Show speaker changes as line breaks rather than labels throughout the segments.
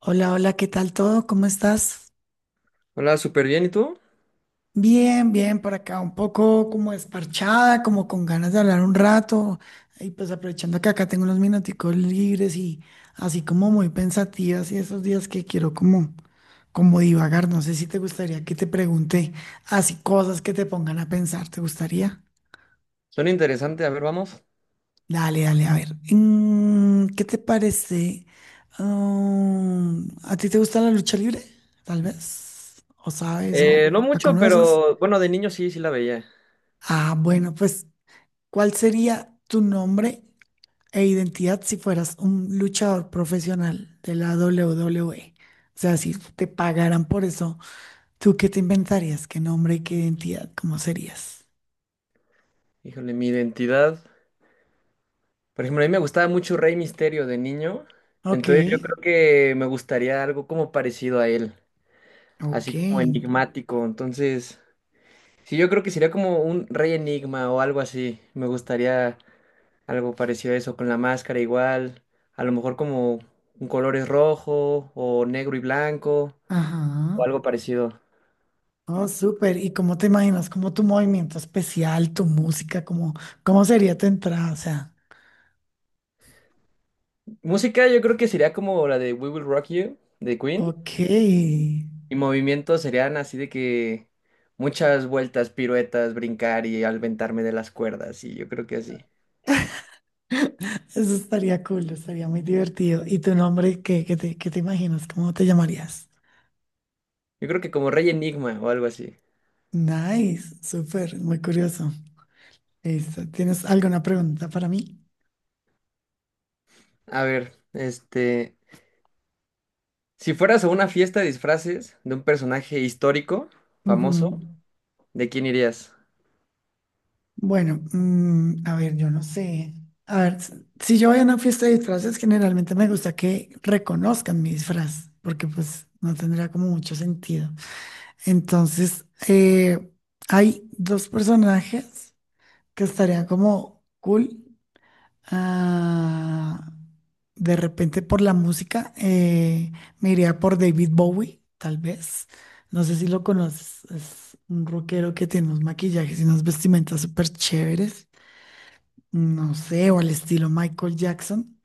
Hola, hola, ¿qué tal todo? ¿Cómo estás?
Hola, súper bien. ¿Y tú?
Bien, bien, por acá un poco como desparchada, como con ganas de hablar un rato y pues aprovechando que acá tengo unos minuticos libres y así como muy pensativas y esos días que quiero como divagar, no sé si te gustaría que te pregunte así cosas que te pongan a pensar, ¿te gustaría?
Suena interesante. A ver, vamos.
Dale, dale, a ver. ¿Qué te parece? ¿A ti te gusta la lucha libre? Tal vez. ¿O sabes
No
o la
mucho,
conoces?
pero bueno, de niño sí la veía.
Ah, bueno, pues, ¿cuál sería tu nombre e identidad si fueras un luchador profesional de la WWE? O sea, si te pagaran por eso, ¿tú qué te inventarías? ¿Qué nombre y qué identidad? ¿Cómo serías?
Híjole, mi identidad. Por ejemplo, a mí me gustaba mucho Rey Misterio de niño.
Ok,
Entonces yo creo que me gustaría algo como parecido a él.
ok.
Así como enigmático. Entonces, sí, yo creo que sería como un Rey Enigma o algo así. Me gustaría algo parecido a eso, con la máscara igual. A lo mejor como un colores rojo o negro y blanco o
Ajá.
algo parecido.
Oh, súper. ¿Y cómo te imaginas? ¿Cómo tu movimiento especial, tu música? ¿Cómo, cómo sería tu entrada? O sea,
Música yo creo que sería como la de We Will Rock You de Queen.
ok.
Y movimientos serían así de que muchas vueltas, piruetas, brincar y alventarme de las cuerdas. Y yo creo que así.
Eso estaría cool, estaría muy divertido. ¿Y tu nombre? ¿Qué, qué te imaginas? ¿Cómo te llamarías?
Yo creo que como Rey Enigma o algo así.
Nice, súper, muy curioso. Listo. ¿Tienes alguna pregunta para mí?
A ver, este, si fueras a una fiesta de disfraces de un personaje histórico, famoso,
Ujú.
¿de quién irías?
Bueno, a ver, yo no sé. A ver, si yo voy a una fiesta de disfraces, generalmente me gusta que reconozcan mi disfraz, porque pues no tendría como mucho sentido. Entonces, hay dos personajes que estarían como cool. Ah, de repente por la música, me iría por David Bowie, tal vez. No sé si lo conoces. Es un rockero que tiene unos maquillajes y unas vestimentas súper chéveres. No sé, o al estilo Michael Jackson.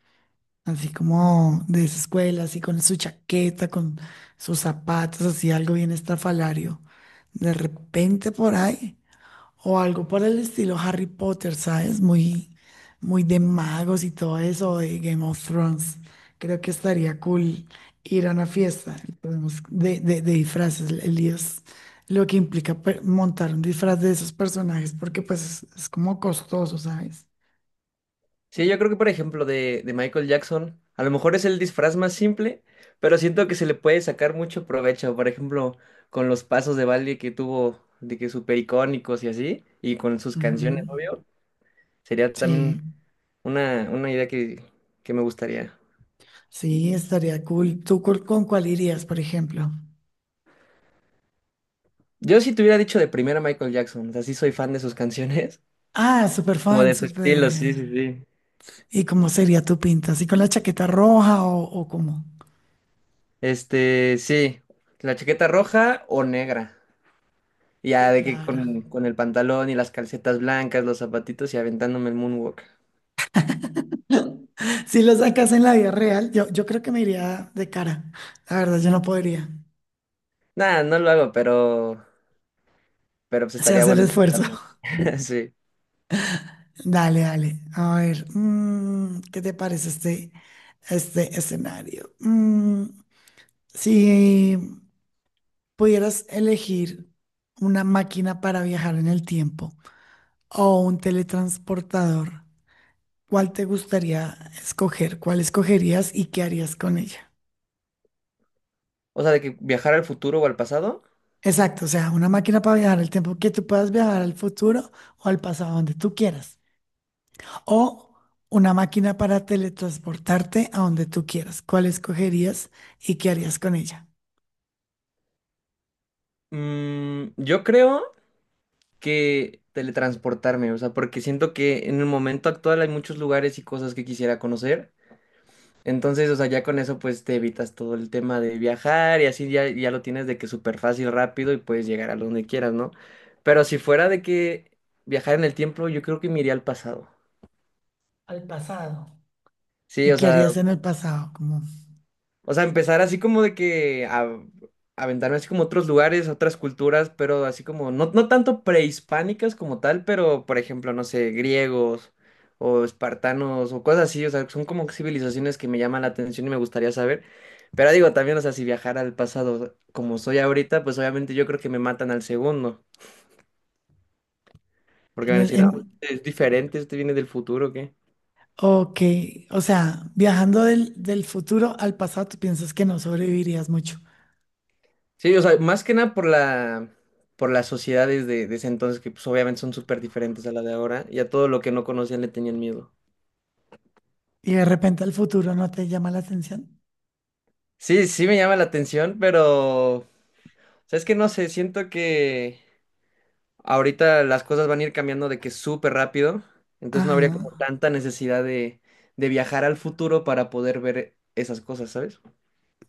Así como de esa escuela, así con su chaqueta, con sus zapatos, así algo bien estrafalario. De repente por ahí o algo por el estilo Harry Potter, ¿sabes? Muy, muy de magos y todo eso, o de Game of Thrones. Creo que estaría cool ir a una fiesta y de disfraces. El lío es lo que implica montar un disfraz de esos personajes, porque pues es como costoso, ¿sabes?
Sí, yo creo que por ejemplo de Michael Jackson, a lo mejor es el disfraz más simple, pero siento que se le puede sacar mucho provecho, por ejemplo, con los pasos de baile que tuvo, de que súper icónicos y así, y con sus canciones,
Ujú.
obvio, sería
Sí,
también una idea que me gustaría.
sí, estaría cool. Con cuál irías, por ejemplo?
Yo si te hubiera dicho de primera Michael Jackson, o sea, sí soy fan de sus canciones,
Ah, súper
como
fan,
de su estilo, sí,
súper.
sí, sí.
¿Y cómo sería tu pinta? ¿Así con la chaqueta roja o cómo?
Este, sí, la chaqueta roja o negra.
Sí,
Ya de que
claro.
con el pantalón y las calcetas blancas, los zapatitos y aventándome el moonwalk.
Si lo sacas en la vida real, yo creo que me iría de cara. La verdad, yo no podría.
Nada, no lo hago, pero pues
Se
estaría
hace el
bueno
esfuerzo.
intentarlo. Sí.
Dale, dale. A ver, ¿qué te parece este escenario? Si pudieras elegir una máquina para viajar en el tiempo o un teletransportador, ¿cuál te gustaría escoger? ¿Cuál escogerías y qué harías con ella?
O sea, de que viajar al futuro o al pasado.
Exacto, o sea, una máquina para viajar el tiempo que tú puedas viajar al futuro o al pasado, donde tú quieras. O una máquina para teletransportarte a donde tú quieras. ¿Cuál escogerías y qué harías con ella?
Yo creo que teletransportarme, o sea, porque siento que en el momento actual hay muchos lugares y cosas que quisiera conocer. Entonces, o sea, ya con eso pues te evitas todo el tema de viajar y así ya, ya lo tienes de que súper fácil, rápido y puedes llegar a donde quieras, ¿no? Pero si fuera de que viajar en el tiempo, yo creo que me iría al pasado.
Al pasado.
Sí,
¿Y
o
qué
sea,
harías en el pasado? Como
o sea, empezar así como de que a, aventarme así como a otros lugares, a otras culturas, pero así como, no, no tanto prehispánicas como tal, pero por ejemplo, no sé, griegos o espartanos o cosas así, o sea, son como civilizaciones que me llaman la atención y me gustaría saber. Pero digo, también, o sea, si viajara al pasado como soy ahorita, pues obviamente yo creo que me matan al segundo, porque
en
van a
el,
decir, ah,
en,
es diferente, este viene del futuro, ¿o qué?
ok, o sea, viajando del futuro al pasado, tú piensas que no sobrevivirías mucho.
Sí, o sea, más que nada por la, por las sociedades de ese entonces, que pues obviamente son súper diferentes a la de ahora, y a todo lo que no conocían le tenían miedo.
Y de repente al futuro no te llama la atención.
Sí, me llama la atención, pero sabes que no sé, siento que ahorita las cosas van a ir cambiando de que súper rápido, entonces
Ajá,
no habría como tanta necesidad de viajar al futuro para poder ver esas cosas, ¿sabes?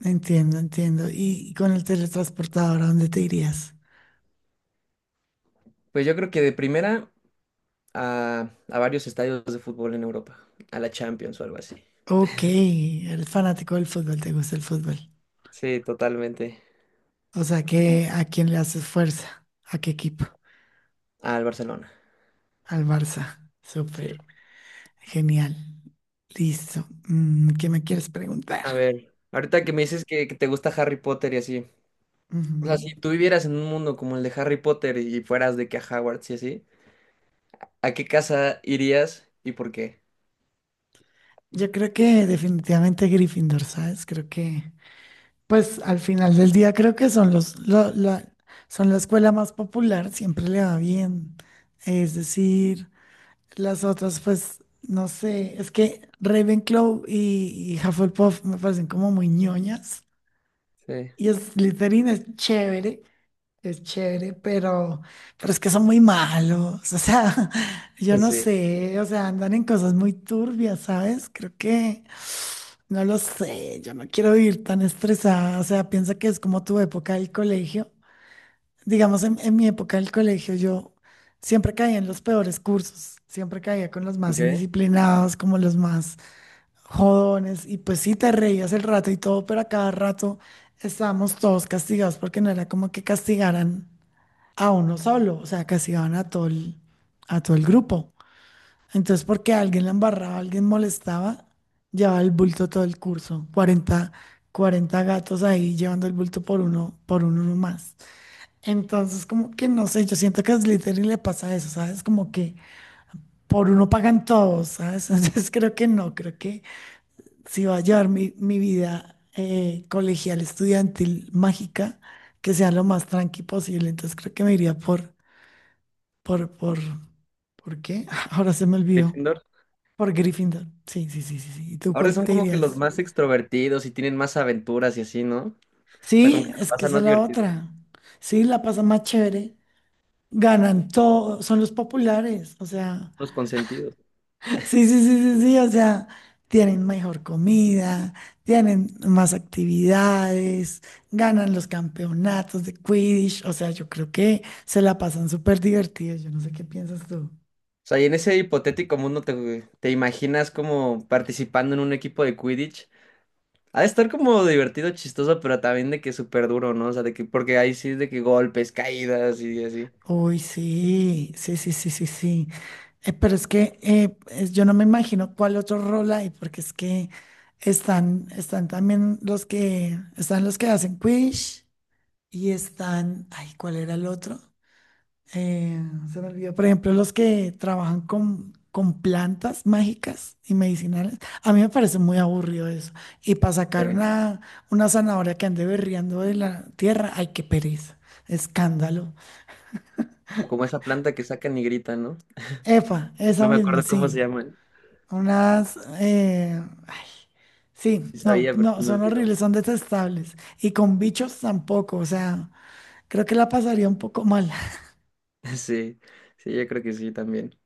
entiendo, entiendo. ¿Y con el teletransportador a dónde te irías?
Pues yo creo que de primera a varios estadios de fútbol en Europa, a la Champions o algo así.
Ok, el fanático del fútbol, ¿te gusta el fútbol?
Sí, totalmente.
O sea que ¿a quién le haces fuerza? ¿A qué equipo?
Al Barcelona.
Al Barça. Súper.
Sí.
Genial. Listo. ¿Qué me quieres preguntar?
A ver, ahorita que me dices que te gusta Harry Potter y así, o sea,
Ujú.
si tú vivieras en un mundo como el de Harry Potter y fueras de que a Hogwarts y así, ¿a qué casa irías y por qué?
Yo creo que definitivamente Gryffindor, ¿sabes? Creo que, pues al final del día creo que son son la escuela más popular, siempre le va bien. Es decir, las otras, pues, no sé, es que Ravenclaw y Hufflepuff me parecen como muy ñoñas.
Sí.
Y Slytherin es chévere, pero es que son muy malos. O sea, yo no
Sí.
sé, o sea, andan en cosas muy turbias, ¿sabes? Creo que, no lo sé, yo no quiero vivir tan estresada. O sea, piensa que es como tu época del colegio. Digamos, en mi época del colegio yo siempre caía en los peores cursos, siempre caía con los más
Ok.
indisciplinados, como los más jodones, y pues sí te reías el rato y todo, pero a cada rato estábamos todos castigados porque no era como que castigaran a uno solo, o sea, castigaban a a todo el grupo. Entonces, porque alguien la embarraba, alguien molestaba, llevaba el bulto todo el curso, cuarenta gatos ahí llevando el bulto por uno más. Entonces, como que no sé, yo siento que a Slytherin le pasa eso, ¿sabes? Como que por uno pagan todos, ¿sabes? Entonces creo que no, creo que si va a llevar mi, mi vida colegial, estudiantil, mágica, que sea lo más tranqui posible. Entonces creo que me iría por, por, ¿por qué? Ahora se me olvidó.
Gryffindor.
Por Gryffindor. Sí, sí, sí, sí, sí. ¿Y tú
Ahora
cuál
son
te
como que los
irías?
más extrovertidos y tienen más aventuras y así, ¿no? O sea, como que
Sí,
te
es que
pasan
esa es
más
la
divertidos,
otra. Sí, la pasa más chévere. Ganan todo, son los populares, o sea.
los consentidos.
Sí, sí, sí, sí, sí, o sea, tienen mejor comida, tienen más actividades, ganan los campeonatos de Quidditch, o sea, yo creo que se la pasan súper divertidos, yo no sé qué piensas tú.
O sea, y en ese hipotético mundo te, te imaginas como participando en un equipo de Quidditch. Ha de estar como divertido, chistoso, pero también de que súper duro, ¿no? O sea, de que, porque ahí sí es de que golpes, caídas y así.
Uy, sí, sí, sí, sí, sí, sí. Pero es que yo no me imagino cuál otro rol hay, porque es que están, están también los que, están los que hacen Quidditch y están, ay, ¿cuál era el otro? eh, se me olvidó. Por ejemplo, los que trabajan con plantas mágicas y medicinales. A mí me parece muy aburrido eso. Y para sacar
Eh,
una zanahoria que ande berreando de la tierra, ay, qué pereza. Escándalo.
Como esa planta que sacan y gritan, ¿no?
Epa, esa
No me
misma,
acuerdo cómo se
sí.
llama.
Unas. Ay, sí,
Sí
no,
sabía, pero se
no,
me
son
olvidó.
horribles, son detestables. Y con bichos tampoco. O sea, creo que la pasaría un poco mal.
Sí, sí, yo creo que sí también.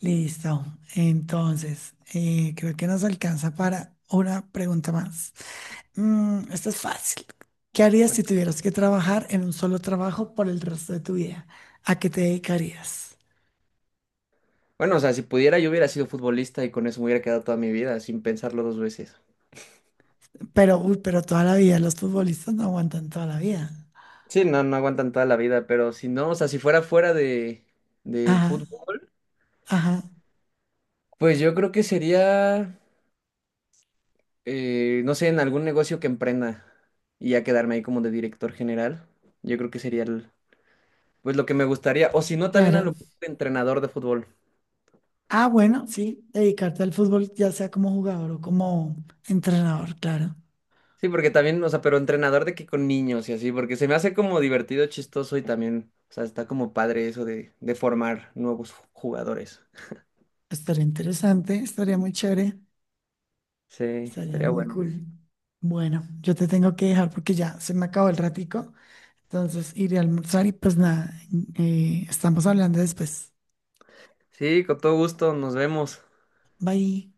Listo. Entonces, creo que nos alcanza para una pregunta más. Esta es fácil. ¿Qué harías si tuvieras que trabajar en un solo trabajo por el resto de tu vida? ¿A qué te dedicarías?
Bueno, o sea, si pudiera, yo hubiera sido futbolista y con eso me hubiera quedado toda mi vida, sin pensarlo dos veces.
Pero, uy, pero toda la vida, los futbolistas no aguantan toda la vida.
Sí, no, no aguantan toda la vida, pero si no, o sea, si fuera fuera de, del
Ajá,
fútbol,
ajá,
pues yo creo que sería, no sé, en algún negocio que emprenda y ya quedarme ahí como de director general. Yo creo que sería el- pues lo que me gustaría. O si no, también a lo
claro.
mejor de entrenador de fútbol.
Ah, bueno, sí, dedicarte al fútbol, ya sea como jugador o como entrenador, claro.
Sí, porque también, o sea, pero entrenador de que con niños y así, porque se me hace como divertido, chistoso y también, o sea, está como padre eso de formar nuevos jugadores.
Estaría interesante, estaría muy chévere.
Sí,
Estaría
estaría
muy
bueno.
cool. Bueno, yo te tengo que dejar porque ya se me acabó el ratico. Entonces iré a almorzar y pues nada, estamos hablando después.
Sí, con todo gusto, nos vemos.
Bye.